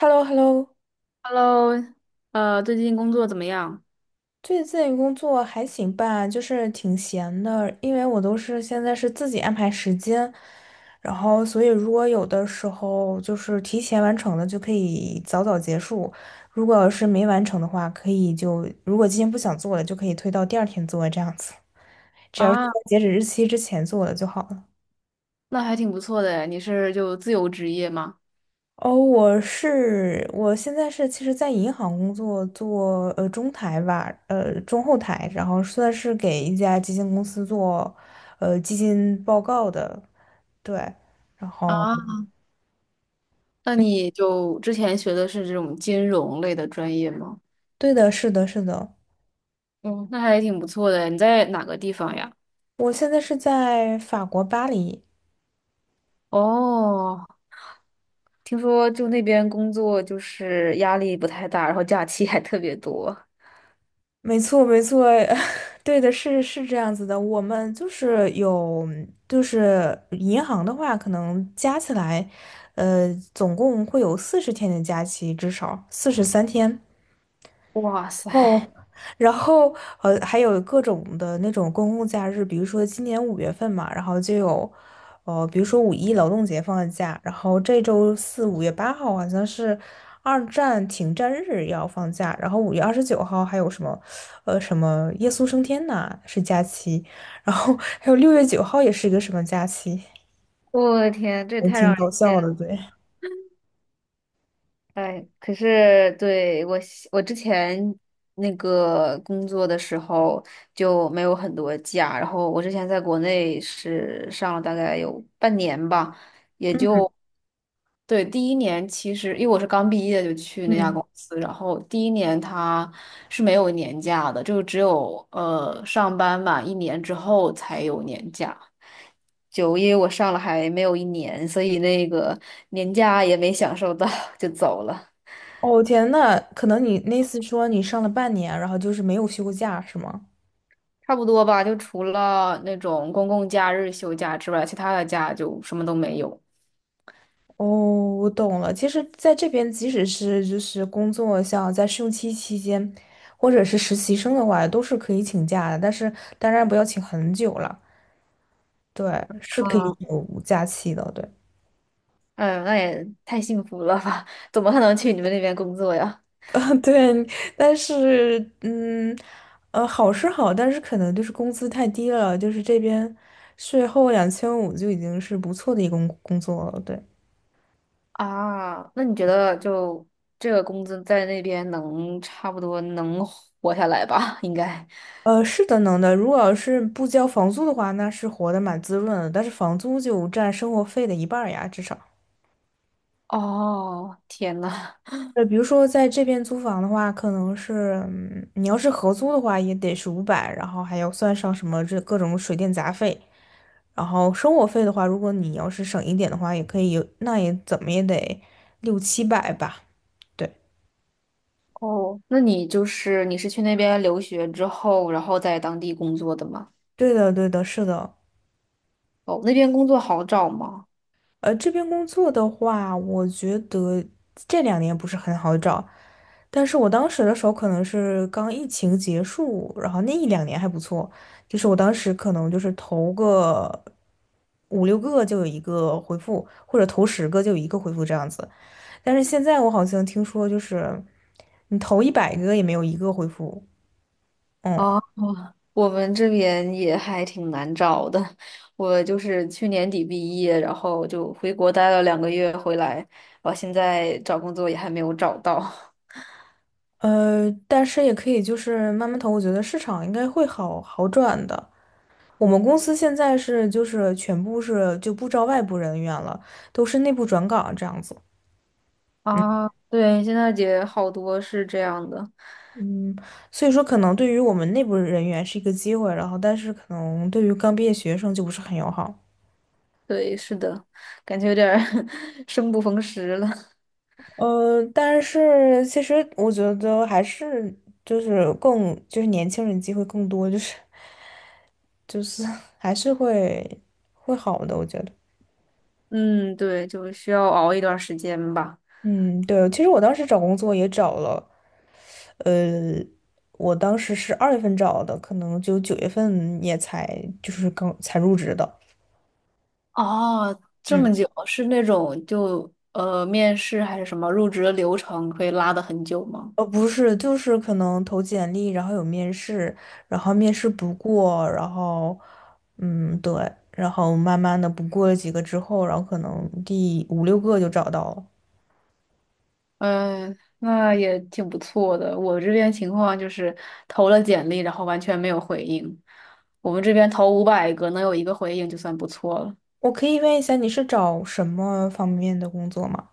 h e l l o h e l l o Hello，最近工作怎么样？最近工作还行吧，就是挺闲的，因为我都是现在是自己安排时间，然后所以如果有的时候就是提前完成的就可以早早结束，如果要是没完成的话，可以就如果今天不想做了，就可以推到第二天做这样子，只要是在啊，截止日期之前做了就好了。那还挺不错的诶，你是就自由职业吗？哦，我是我现在是其实，在银行工作，做中台吧，中后台，然后算是给一家基金公司做基金报告的，对，然后啊，那你就之前学的是这种金融类的专业吗？对的，是的，是的，嗯，那还挺不错的诶你在哪个地方呀？我现在是在法国巴黎，哦，听说就那边工作就是压力不太大，然后假期还特别多。没错，没错，对的，是这样子的，我们就是有就是银行的话，可能加起来，总共会有40天的假期，至少43天。哇塞，哦，然后还有各种的那种公共假日，比如说今年五月份嘛，然后就有，比如说五一劳动节放的假，然后这周四5月8号好像是二战停战日要放假，然后5月29号还有什么，什么耶稣升天呐是假期，然后还有6月9号也是一个什么假期，我的天，这也还太让挺人搞笑羡的，慕了。对。哎，可是对我之前那个工作的时候就没有很多假，然后我之前在国内是上了大概有半年吧，也就对第一年，其实因为我是刚毕业就去那家嗯，公司，然后第一年他是没有年假的，就只有上班满一年之后才有年假。就因为我上了还没有一年，所以那个年假也没享受到，就走了。哦天呐，可能你那次说你上了半年，然后就是没有休过假，是吗？差不多吧，就除了那种公共假日休假之外，其他的假就什么都没有。哦，我懂了。其实，在这边，即使是就是工作，像在试用期期间，或者是实习生的话，都是可以请假的。但是，当然不要请很久了。对，是可以啊，有假期的。对，嗯，那也太幸福了吧？怎么还能去你们那边工作呀？对。但是，嗯，好是好，但是可能就是工资太低了。就是这边税后2500就已经是不错的一个工作了。对。啊，那你觉得就这个工资在那边能差不多能活下来吧？应该。是的，能的。如果要是不交房租的话，那是活得蛮滋润的。但是房租就占生活费的一半儿呀，至少。哦，天呐，比如说在这边租房的话，可能是，嗯你要是合租的话，也得是500，然后还要算上什么这各种水电杂费。然后生活费的话，如果你要是省一点的话，也可以有，那也怎么也得六七百吧。对，哦，那你就是你是去那边留学之后，然后在当地工作的吗？对的，对的，是的。哦，那边工作好找吗？这边工作的话，我觉得这两年不是很好找，但是我当时的时候可能是刚疫情结束，然后那一两年还不错，就是我当时可能就是投个五六个就有一个回复，或者投十个就有一个回复这样子。但是现在我好像听说就是你投100个也没有一个回复，嗯，哦，我们这边也还挺难找的。我就是去年底毕业，然后就回国待了2个月，回来，我现在找工作也还没有找到。但是也可以就是慢慢投，我觉得市场应该会好好转的。我们公司现在是就是全部是就不招外部人员了，都是内部转岗这样子。啊，对，现在也好多是这样的。嗯，所以说可能对于我们内部人员是一个机会，然后但是可能对于刚毕业学生就不是很友好。对，是的，感觉有点儿 生不逢时了。但是其实我觉得还是就是更就是年轻人机会更多，就是就是 还是会好的，我觉得。嗯，对，就需要熬一段时间吧。嗯，对，其实我当时找工作也找了。我当时是2月份找的，可能就9月份也才就是刚才入职的。哦，这嗯，么久，是那种就面试还是什么入职的流程可以拉的很久吗？不是，就是可能投简历，然后有面试，然后面试不过，然后嗯，对，然后慢慢的不过了几个之后，然后可能第五六个就找到了。嗯，那也挺不错的。我这边情况就是投了简历，然后完全没有回应。我们这边投500个，能有一个回应就算不错了。我可以问一下，你是找什么方面的工作吗？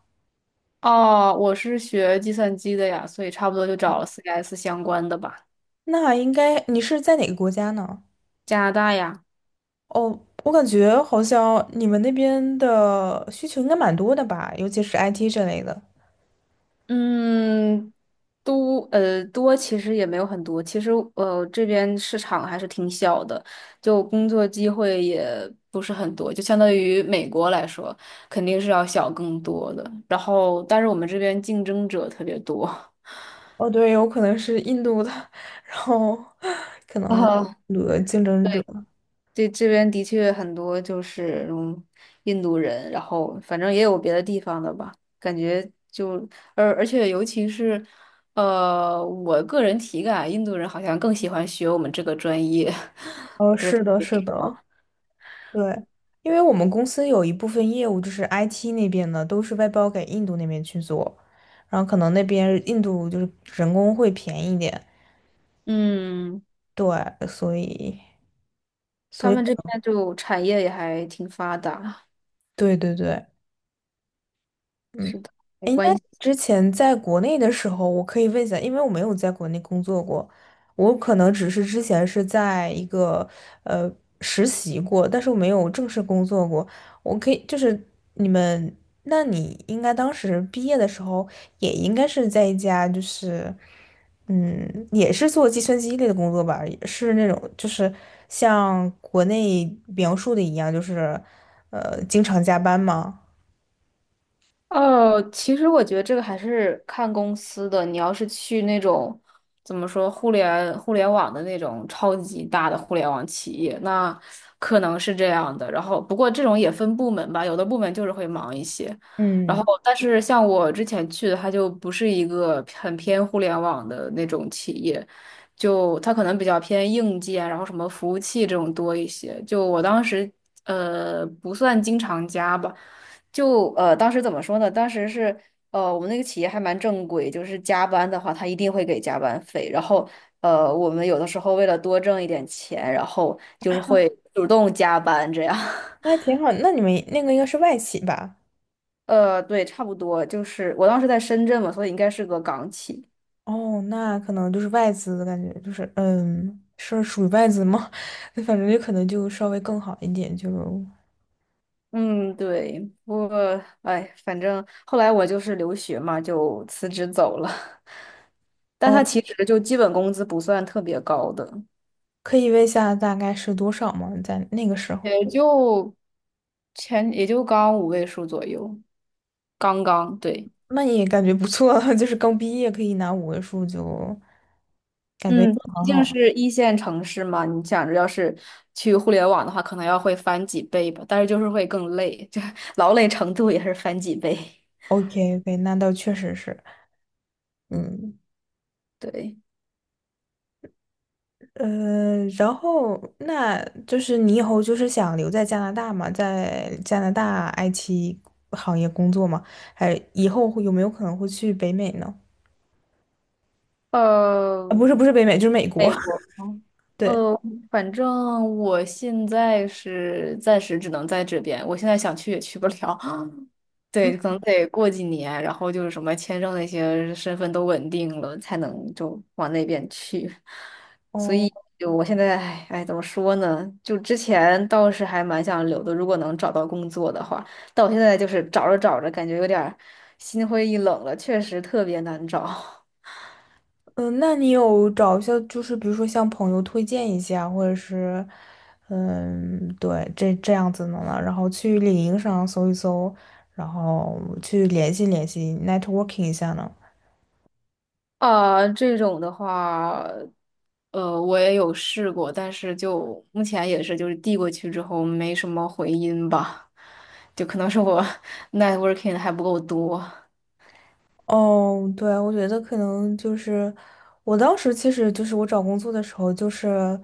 哦，我是学计算机的呀，所以差不多就找了 CS 相关的吧。那应该你是在哪个国家呢？加拿大呀，哦，我感觉好像你们那边的需求应该蛮多的吧，尤其是 IT 这类的。嗯，都多其实也没有很多，其实这边市场还是挺小的，就工作机会也不是很多，就相当于美国来说，肯定是要小更多的。然后，但是我们这边竞争者特别多。哦，对，有可能是印度的，然后可能啊，印竞争者。对，这边的确很多就是印度人，然后反正也有别的地方的吧，感觉就而且尤其是，我个人体感啊，印度人好像更喜欢学我们这个专业，哦，是的，是的，对，因为我们公司有一部分业务就是 IT 那边的，都是外包给印度那边去做，然后可能那边印度就是人工会便宜一点，嗯，对，所以，所他以，们这边就产业也还挺发达，对对对，是的，没哎，那关系。之前在国内的时候，我可以问一下，因为我没有在国内工作过，我可能只是之前是在一个呃实习过，但是我没有正式工作过。我可以就是你们，那你应该当时毕业的时候，也应该是在一家就是嗯，也是做计算机类的工作吧，也是那种就是像国内描述的一样，就是经常加班吗？哦，其实我觉得这个还是看公司的。你要是去那种怎么说互联网的那种超级大的互联网企业，那可能是这样的。然后，不过这种也分部门吧，有的部门就是会忙一些。然后，嗯。但是像我之前去的，它就不是一个很偏互联网的那种企业，就它可能比较偏硬件，然后什么服务器这种多一些。就我当时不算经常加吧。就当时怎么说呢？当时是我们那个企业还蛮正规，就是加班的话，他一定会给加班费。然后我们有的时候为了多挣一点钱，然后就是会主动加班这样。那还 挺好。那你们那个应该是外企吧？对，差不多，就是我当时在深圳嘛，所以应该是个港企。哦，那可能就是外资的感觉，就是嗯，是属于外资吗？反正就可能就稍微更好一点，就嗯，对，不过哎，反正后来我就是留学嘛，就辞职走了。但他哦，其实就基本工资不算特别高的。可以问一下大概是多少吗？在那个时候，也就刚5位数左右，刚刚对，那你也感觉不错了，就是刚毕业可以拿五位数，就感觉嗯，很毕好竟啊。是一线城市嘛，你想着要是去互联网的话，可能要会翻几倍吧，但是就是会更累，就 劳累程度也是翻几倍。OK OK，那倒确实是，嗯。对，然后那就是你以后就是想留在加拿大嘛，在加拿大 IT 行业工作嘛？还以后会有没有可能会去北美呢？啊，呃，不是不是北美，就是美国。美国 吗，对，呃，反正我现在是暂时只能在这边，我现在想去也去不了，嗯，对，可能得过几年，然后就是什么签证那些身份都稳定了，才能就往那边去。所以哦，就我现在，哎，哎怎么说呢？就之前倒是还蛮想留的，如果能找到工作的话。但我现在就是找着找着，感觉有点儿心灰意冷了，确实特别难找。嗯、那你有找一下，就是比如说向朋友推荐一下，或者是，嗯，对，这样子的呢，然后去领英上搜一搜，然后去联系联系，networking 一下呢？啊，这种的话。我也有试过，但是就目前也是，就是递过去之后没什么回音吧，就可能是我 networking 还不够多。哦，对，我觉得可能就是我当时其实就是我找工作的时候，就是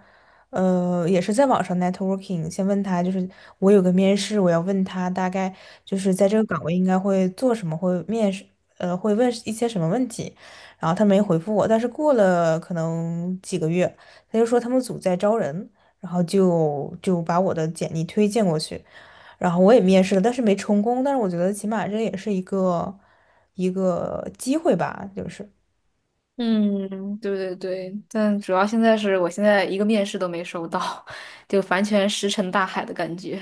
也是在网上 networking，先问他就是我有个面试，我要问他大概就是在这个岗位应该会做什么，会面试会问一些什么问题，然后他没回复我，但是过了可能几个月，他就说他们组在招人，然后就把我的简历推荐过去。然后我也面试了，但是没成功。但是我觉得起码这也是一个一个机会吧，就是。嗯，对对对，但主要现在是我现在一个面试都没收到，就完全石沉大海的感觉。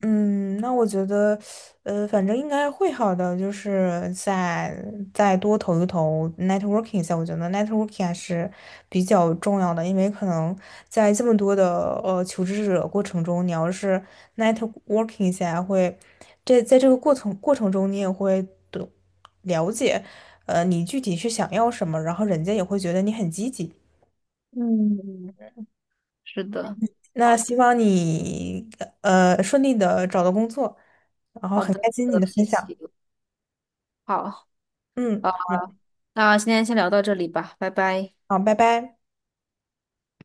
嗯，那我觉得，反正应该会好的，就是再再多投一投 networking 一下，我觉得 networking 还是比较重要的，因为可能在这么多的求职者过程中，你要是 networking 一下会，这在这个过程中，你也会懂了解，你具体是想要什么，然后人家也会觉得你很积极。嗯 是的，那希望你顺利的找到工作，然后好很开的，心好你的的，谢分享。谢。好，嗯，好，那今天先聊到这里吧，拜拜。好，拜拜。